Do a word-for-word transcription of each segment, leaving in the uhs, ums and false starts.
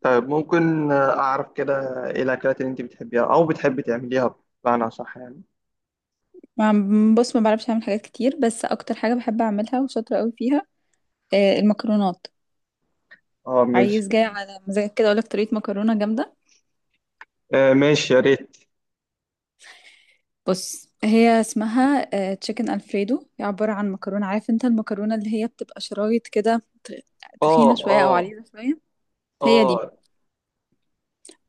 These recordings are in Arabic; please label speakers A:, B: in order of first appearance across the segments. A: طيب، ممكن أعرف كده إيه الأكلات اللي أنت بتحبيها أو بتحبي تعمليها بمعنى صح يعني.
B: ما- بص، ما بعرفش اعمل حاجات كتير، بس اكتر حاجه بحب اعملها وشاطره قوي فيها، آه، المكرونات.
A: أه، ماشي.
B: عايز جاي على مزاجك كده اقول لك طريقه مكرونه جامده.
A: آه، ماشي، يا ريت.
B: بص هي اسمها تشيكن الفريدو. هي عباره عن مكرونه، عارف انت المكرونه اللي هي بتبقى شرايط كده، ت-
A: أه،
B: تخينه شويه او
A: أه،
B: عريضه شويه. هي دي.
A: أه،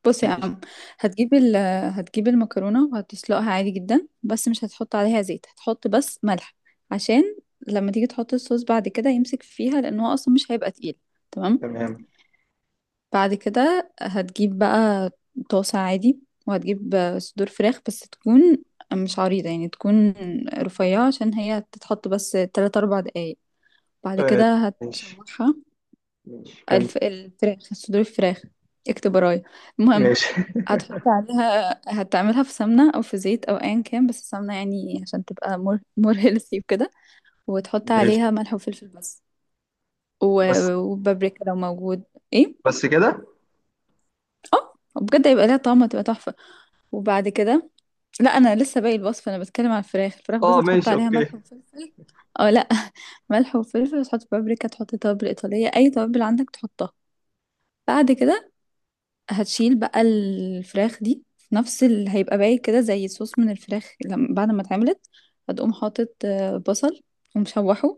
B: بص يا
A: ماشي.
B: عم، هتجيب ال هتجيب المكرونه وهتسلقها عادي جدا، بس مش هتحط عليها زيت، هتحط بس ملح عشان لما تيجي تحط الصوص بعد كده يمسك فيها، لان هو اصلا مش هيبقى تقيل. تمام.
A: تمام.
B: بعد كده هتجيب بقى طاسة عادي، وهتجيب صدور فراخ بس تكون مش عريضة، يعني تكون رفيعة عشان هي تتحط بس تلات أربع دقايق. بعد
A: آه،
B: كده
A: ماشي،
B: هتشوحها.
A: ماشي، كمل.
B: الف... الفراخ، صدور الفراخ، اكتب ورايا. المهم،
A: ماشي.
B: هتحط عليها، هتعملها في سمنة أو في زيت أو أيا كان، بس السمنة يعني عشان تبقى مور مور هيلثي وكده، وتحط
A: ماشي،
B: عليها ملح وفلفل بس، و...
A: بس.
B: وبابريكا لو موجود. ايه،
A: بس كده.
B: اه. بجد هيبقى ليها طعم، هتبقى تحفة. وبعد كده، لا انا لسه باقي الوصفه، انا بتكلم عن الفراخ الفراخ، بس
A: أه،
B: هتحط
A: ماشي،
B: عليها
A: أوكي.
B: ملح وفلفل. اه لا، ملح وفلفل، تحط بابريكا، تحط توابل ايطاليه، اي توابل عندك تحطها. بعد كده هتشيل بقى الفراخ دي في نفس اللي هيبقى باقي كده، زي صوص من الفراخ لما بعد ما اتعملت. هتقوم حاطط آه، بصل ومشوحه،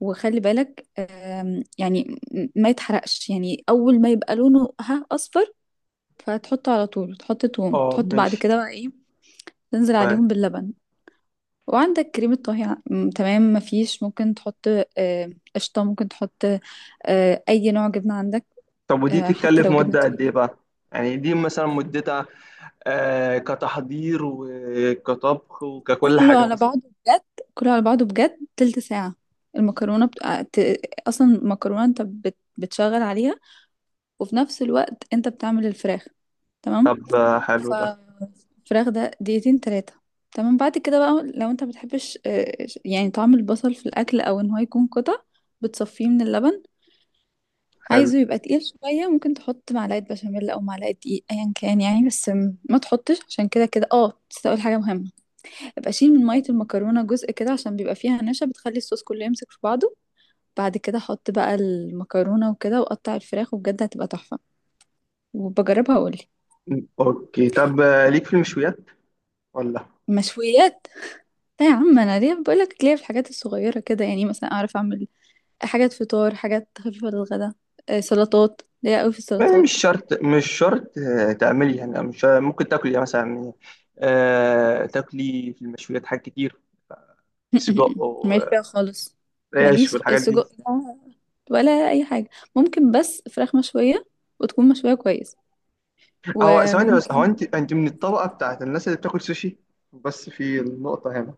B: وخلي بالك آم، يعني ما يتحرقش، يعني اول ما يبقى لونه ها اصفر، فهتحطه على طول، تحط توم،
A: أه،
B: تحط بعد
A: ماشي،
B: كده بقى ايه، تنزل
A: طيب.
B: عليهم باللبن. وعندك كريمة طهي ع- م- تمام، مفيش ممكن تحط آه، قشطة، ممكن تحط آه، أي نوع جبنة عندك،
A: طب، ودي
B: آه، حتى
A: تتكلف
B: لو جبنة
A: مدة قد إيه
B: كريم.
A: بقى؟ يعني دي مثلا مدتها آه كتحضير وكطبخ وككل
B: كله
A: حاجة
B: على
A: مثلا.
B: بعضه بجد، كله على بعضه بجد تلت ساعة. المكرونة بت... آه، ت... أصلا المكرونة أنت بت... بتشغل عليها، وفي نفس الوقت أنت بتعمل الفراخ. تمام.
A: طب، آه، حلو
B: ف،
A: ده.
B: الفراخ ده دقيقتين تلاتة. تمام. بعد كده بقى، لو أنت مبتحبش آه، يعني طعم البصل في الأكل، أو إن هو يكون قطع، بتصفيه من اللبن.
A: حلو،
B: عايزه يبقى تقيل شوية، ممكن تحط معلقة بشاميل أو معلقة دقيق، أيا كان يعني، بس م- ما تحطش عشان كده كده. اه بس أقول حاجة مهمة: ابقى شيل من مية المكرونة جزء كده، عشان بيبقى فيها نشا بتخلي الصوص كله يمسك في بعضه. بعد كده حط بقى المكرونة وكده وقطع الفراخ، وبجد هتبقى تحفة. وبجربها وأقولي.
A: اوكي. طب، آه، ليك في المشويات ولا؟
B: مشويات؟ لا يا عم، أنا ليه بقولك، ليه في الحاجات الصغيرة كده، يعني مثلا أعرف أعمل حاجات فطار، حاجات خفيفة للغدا، آه، سلطات، ليا أوي في
A: آه، مش
B: السلطات.
A: شرط، مش شرط، آه، تعملي، يعني مش شرط- ممكن تاكلي يعني مثلا، آه، تاكلي في المشويات حاجات كتير. سجق
B: ماليش فيها خالص.
A: وريش
B: ماليش، خ-
A: والحاجات دي.
B: السجق ده ولا اي حاجه. ممكن بس فراخ مشويه، وتكون مشويه كويس.
A: هو ثواني بس، هو
B: وممكن،
A: انت انت من الطبقه بتاعت الناس اللي بتاكل سوشي، بس في النقطه هنا.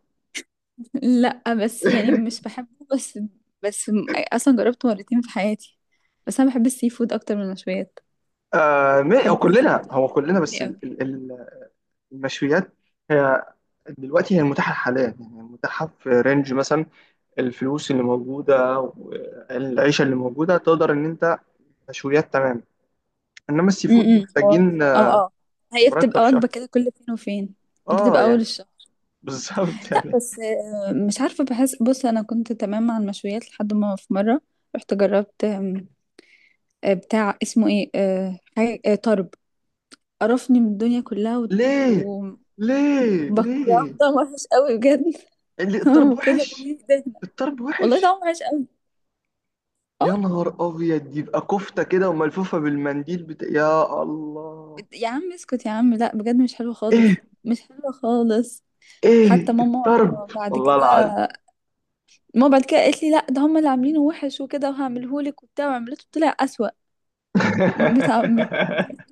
B: لا بس يعني مش بحبه. بس، بس م- اصلا جربته مرتين في حياتي، بس انا بحب السي فود اكتر من المشويات.
A: آه ما- هو
B: بحب
A: كلنا
B: شوربه
A: هو كلنا
B: الجمبري
A: بس ال-
B: قوي.
A: ال- ال- المشويات، هي دلوقتي هي المتاحه حاليا يعني، المتاحه في رينج مثلا، الفلوس اللي موجودة والعيشة اللي موجودة، تقدر إن أنت مشويات، تمام. إنما السي فود
B: امم اه،
A: محتاجين آه،
B: اه. هي بتبقى
A: مرتب شهر،
B: وجبه كده كل فين وفين،
A: آه
B: بتبقى
A: يعني،
B: اول الشهر.
A: بالظبط.
B: لا
A: يعني،
B: بس آه، مش عارفة، بحس، بص أنا كنت تمام مع المشويات لحد ما في مرة رحت جربت آم، آه، بتاع اسمه ايه، آه، حاجة، آه، طرب. قرفني من الدنيا كلها و-
A: ليه، ليه،
B: وبكرهه،
A: ليه؟
B: طعم وحش قوي بجد.
A: اللي
B: طعمه
A: الطرب
B: كده
A: وحش؟
B: في دهنة.
A: الطرب
B: والله
A: وحش؟
B: طعمه وحش قوي. اه
A: يا نهار أبيض، يبقى كفتة كده وملفوفة بالمنديل بتا... يا الله.
B: يا عم اسكت يا عم، لا بجد مش حلو
A: إيه،
B: خالص، مش حلو خالص.
A: إيه
B: حتى
A: الطرب؟
B: ماما بعد
A: والله
B: كده،
A: العظيم.
B: ماما بعد كده قالت لي لا ده هم اللي عاملينه وحش وكده، وهعمله لك وبتاع، وعملته طلع أسوأ. بتاع من،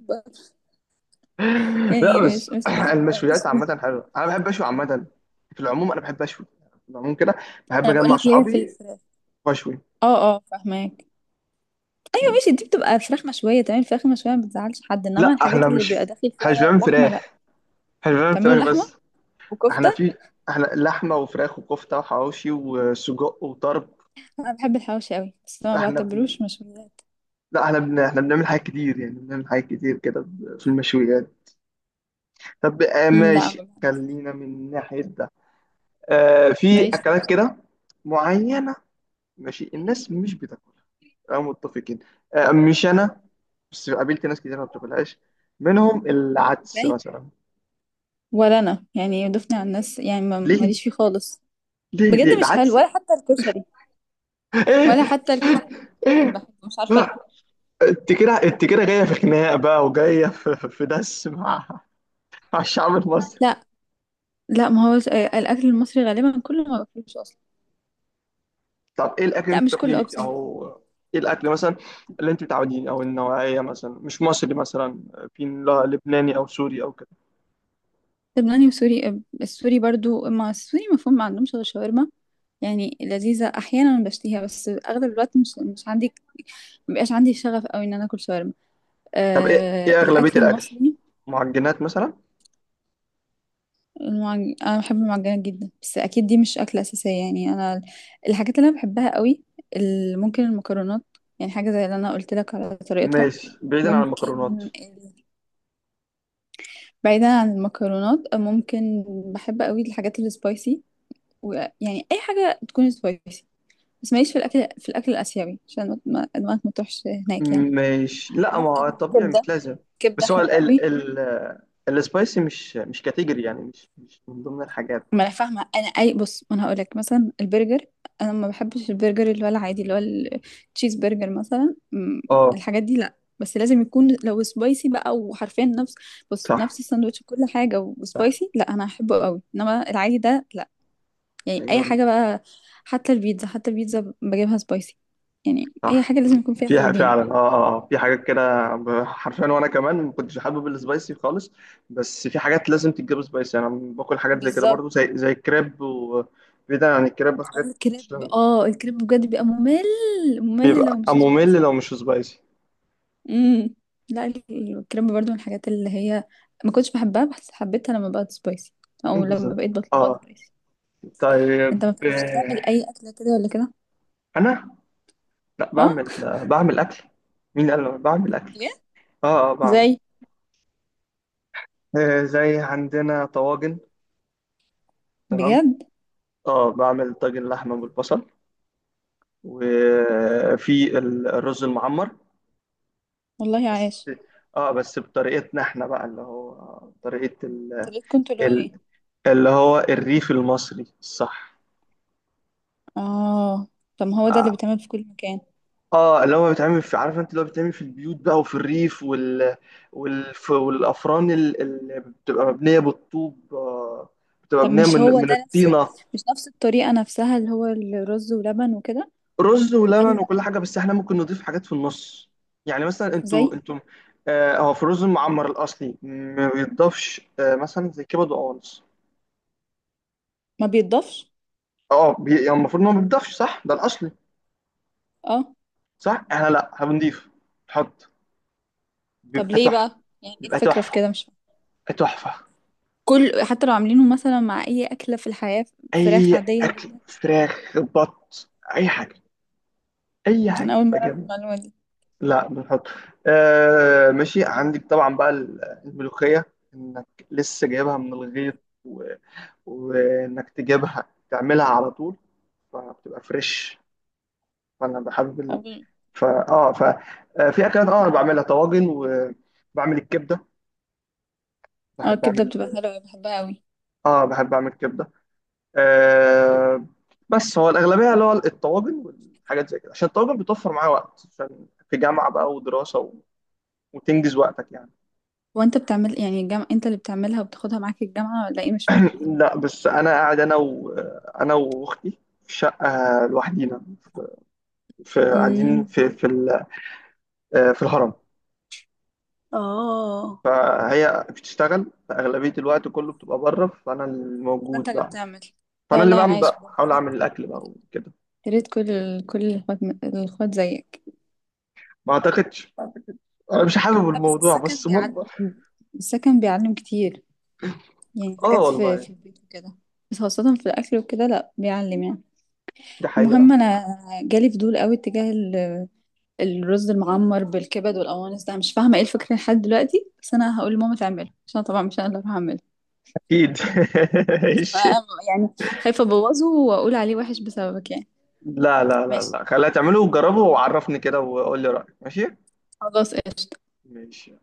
A: لا،
B: يعني
A: بس،
B: مش مش عارفه اقولش
A: المشويات عامة
B: ليه.
A: حلوة، أنا بحب أشوي عامة. في العموم أنا بحب أشوي، في العموم كده بحب
B: انا بقول
A: أجمع
B: لك ليه في
A: صحابي
B: الفراخ.
A: وأشوي.
B: اه اه، فاهماك. أيوة ماشي، دي بتبقى فراخ مشويه، تمام. الفراخ المشويه ما بتزعلش حد، انما
A: لا، احنا
B: الحاجات اللي بيبقى
A: مش
B: داخل
A: احنا مش
B: فيها
A: بنعمل
B: لحمه لا.
A: فراخ، احنا مش بنعمل
B: تعملوا
A: فراخ
B: لحمه
A: بس.
B: وكفته.
A: احنا في احنا لحمه وفراخ وكفته وحواوشي وسجق وطرب.
B: انا بحب الحواوشي قوي بس ما
A: احنا بن...
B: بعتبروش مشويات.
A: لا احنا بن... احنا بنعمل حاجات كتير، يعني بنعمل حاجات كتير كده في المشويات. طب، آه
B: امم لا
A: ماشي،
B: ما بحب-
A: خلينا من ناحيه ده. آه في
B: ماليش فيه
A: اكلات
B: بصراحة.
A: كده معينه، ماشي الناس مش بتاكلها. أه، متفقين. أه، مش أنا، بس قابلت ناس كتير ما بتاكلهاش، منهم العدس
B: ازاي؟
A: مثلا.
B: ولا انا يعني ضفني على الناس يعني، ما-
A: ليه،
B: ماليش فيه خالص
A: ليه، ليه
B: بجد. مش حلو
A: العدس؟
B: ولا حتى الكشري،
A: ايه،
B: ولا حتى الكشري
A: ايه؟
B: بحبه، مش عارفه ليه.
A: لا، انت كده، انت كده جايه في خناق بقى، وجايه في, في دس مع مع الشعب المصري.
B: لا لا، ما هو آه، الاكل المصري غالبا كله ما باكلوش اصلا.
A: طب، ايه الاكل اللي
B: لا
A: انت
B: مش كله
A: بتاكليه،
B: أوي بصراحة.
A: او ايه الاكل مثلا اللي انت متعودين، او النوعيه مثلا، مش مصري مثلا، في لا- لبناني او سوري او كده؟
B: لبناني وسوري، أب- السوري برضو ما، السوري مفهوم ما عندهمش غير شاورما، يعني لذيذة أحيانا بشتهيها بس أغلب الوقت مش مش عندي، مبقاش عندي شغف أوي إن أنا أكل شاورما.
A: طب، ايه
B: أه
A: ايه
B: الأكل
A: اغلبيه الاكل؟
B: المصري.
A: معجنات مثلا؟
B: المعج... أنا بحب المعجنات جدا، بس أكيد دي مش أكلة أساسية. يعني أنا ال- الحاجات اللي أنا بحبها أوي، ال- ممكن المكرونات، يعني حاجة زي اللي أنا قلت لك على طريقتها.
A: ماشي، بعيدا عن
B: ممكن
A: المكرونات.
B: ال- بعيدا عن المكرونات، ممكن بحب أوي الحاجات السبايسي، ويعني أي حاجة تكون سبايسي. بس ماليش في الأكل، في الأكل الآسيوي، عشان ما ما- دماغك ما تروحش هناك يعني.
A: مش، لا، ما
B: ممكن
A: هو الطبيعي
B: كبدة،
A: مش لازم.
B: كبدة
A: بس هو ال
B: حلوة قوي.
A: ال ال السبايسي مش مش كاتيجوري، يعني مش مش من ضمن الحاجات.
B: ما انا فاهمه انا، اي، بص انا هقول لك مثلا البرجر. انا ما بحبش البرجر اللي هو العادي، اللي هو التشيز برجر مثلا. أمم،
A: اه،
B: الحاجات دي لا، بس لازم يكون لو سبايسي بقى، وحرفيا نفس، بص
A: صح،
B: نفس الساندوتش كل حاجه
A: صح،
B: وسبايسي، لا انا هحبه قوي، انما العادي ده لا. يعني اي حاجه بقى، حتى البيتزا، حتى البيتزا بجيبها سبايسي. يعني اي
A: صح،
B: حاجه لازم يكون فيها
A: في ح-
B: هالوبينو.
A: فعلا، اه اه آه. في حاجات كده ب- حرفيا، وانا كمان ما كنتش حابب السبايسي خالص. بس في حاجات لازم تتجاب سبايسي. انا باكل حاجات زي كده برضو،
B: بالظبط.
A: زي زي الكريب، وبعيدا عن الكريب وحاجات مش-
B: الكريب، اه الكريب بجد بيبقى ممل، ممل
A: بيبقى
B: لو مش
A: ممل
B: سبايسي.
A: لو مش سبايسي.
B: امم لا، ال- الكريب برضو من الحاجات اللي هي ما كنتش بحبها، بس حبيتها لما بقت سبايسي، او لما
A: بالظبط.
B: بقيت بطلبها
A: اه.
B: سبايسي.
A: طيب،
B: انت ما بتعرفش
A: آه،
B: تعمل اي اكله كده ولا كده؟
A: انا؟ لا،
B: اه
A: بعمل بعمل اكل. مين قال لك بعمل اكل؟
B: بجد؟
A: اه، اه، بعمل،
B: زي؟
A: آه زي عندنا طواجن. تمام.
B: بجد.
A: اه، بعمل طاجن لحمه بالبصل، وفي ال- الرز المعمر
B: والله
A: بس.
B: عايش.
A: اه بس بطريقتنا احنا بقى، اللي هو طريقه ال...
B: طريقتكم كنتوا اللي هو
A: ال...
B: ايه؟
A: اللي هو الريف المصري الصح.
B: اه. طب ما هو ده اللي
A: اه
B: بيتعمل في كل مكان.
A: آه، اللي هو بيتعمل في، عارف انت اللي هو بيتعمل في البيوت بقى وفي الريف وال... والف... والافران ال- اللي بتبقى مبنيه بالطوب، آه، بتبقى
B: طب
A: مبنيه
B: مش
A: من
B: هو
A: من
B: ده نفس،
A: الطينه.
B: مش نفس الطريقه نفسها، اللي هو الرز ولبن وكده؟
A: رز ولبن
B: ولا
A: وكل حاجه، بس احنا ممكن نضيف حاجات في النص، يعني مثلا انتوا
B: زي
A: انتوا آه، هو في الرز المعمر الاصلي ما بيتضافش، آه، مثلا زي كبد وقوانص.
B: ما بيتضافش؟
A: اه، بي- يعني المفروض ان هو ما بيتضافش، صح؟ ده الاصلي،
B: اه.
A: صح؟ احنا لا، هنضيف، نحط،
B: طب
A: بيبقى
B: ليه
A: تحفه،
B: بقى، يعني ايه
A: بيبقى
B: الفكرة في
A: تحفه،
B: كده، مش فاهمة.
A: بيبقى تحفه.
B: كل حتى لو عاملينه مثلا مع اي اكلة في الحياة، فراخ
A: اي
B: عادية
A: اكل،
B: جدا.
A: فراخ، بط، اي حاجه، اي
B: انا
A: حاجه
B: اول
A: بتبقى
B: مرة في
A: جامده.
B: المعلومة دي.
A: لا، بنحط. آه، ماشي، عندك طبعا بقى الملوخيه، انك لسه جايبها من الغيط، وانك تجيبها تعملها على طول فبتبقى فريش، فانا بحب ال...
B: أول...
A: فا اه ف آه، في اكلات اه انا بعملها طواجن وبعمل الكبده.
B: اه
A: بحب
B: الكبدة
A: اعمل
B: بتبقى حلوة، بحبها قوي.
A: اه بحب اعمل كبده. آه بس هو الاغلبيه اللي هو الطواجن والحاجات زي كده، عشان الطواجن بتوفر معايا وقت، عشان في جامعه بقى ودراسه و... وتنجز وقتك يعني.
B: هو انت بتعمل، يعني الجامعة انت اللي بتعملها وبتاخدها معاك الجامعة، ولا ايه؟ مش فاهمة.
A: لا، بس انا قاعد، انا و... انا واختي في شقه لوحدينا، في في- قاعدين
B: امم
A: في في ال... آه، في الهرم.
B: اه،
A: فهي بتشتغل، فأغلبية الوقت كله بتبقى بره، فأنا
B: انت
A: الموجود
B: اللي
A: بقى،
B: بتعمل. لا
A: فأنا اللي
B: والله
A: بعمل
B: عايش
A: بقى،
B: بجد. يا
A: بحاول أعمل
B: ريت،
A: الأكل بقى وكده.
B: يا ريت كل كل الاخوات، الاخوات زيك.
A: ما أعتقدش، أنا مش حابب
B: لا بس
A: الموضوع
B: السكن
A: بس
B: بيعلم،
A: مطبخ.
B: السكن بيعلم كتير، يعني
A: آه،
B: حاجات في
A: والله،
B: في البيت وكده، بس خاصة في الأكل وكده لا بيعلم يعني.
A: دي حقيقة،
B: المهم انا جالي فضول قوي اتجاه ال- الرز المعمر بالكبد والقوانص ده، أنا مش فاهمه ايه الفكره لحد دلوقتي، بس انا هقول لماما تعمله عشان أنا طبعا مش انا اللي هروح اعمله.
A: أكيد.
B: بس
A: ماشي.
B: انا يعني خايفه ابوظه واقول عليه وحش بسببك يعني.
A: لا، لا، لا،
B: ماشي
A: لا، خليها تعمله وجربه وعرفني كده وقول لي رأيك. ماشي،
B: خلاص قشطه.
A: ماشي.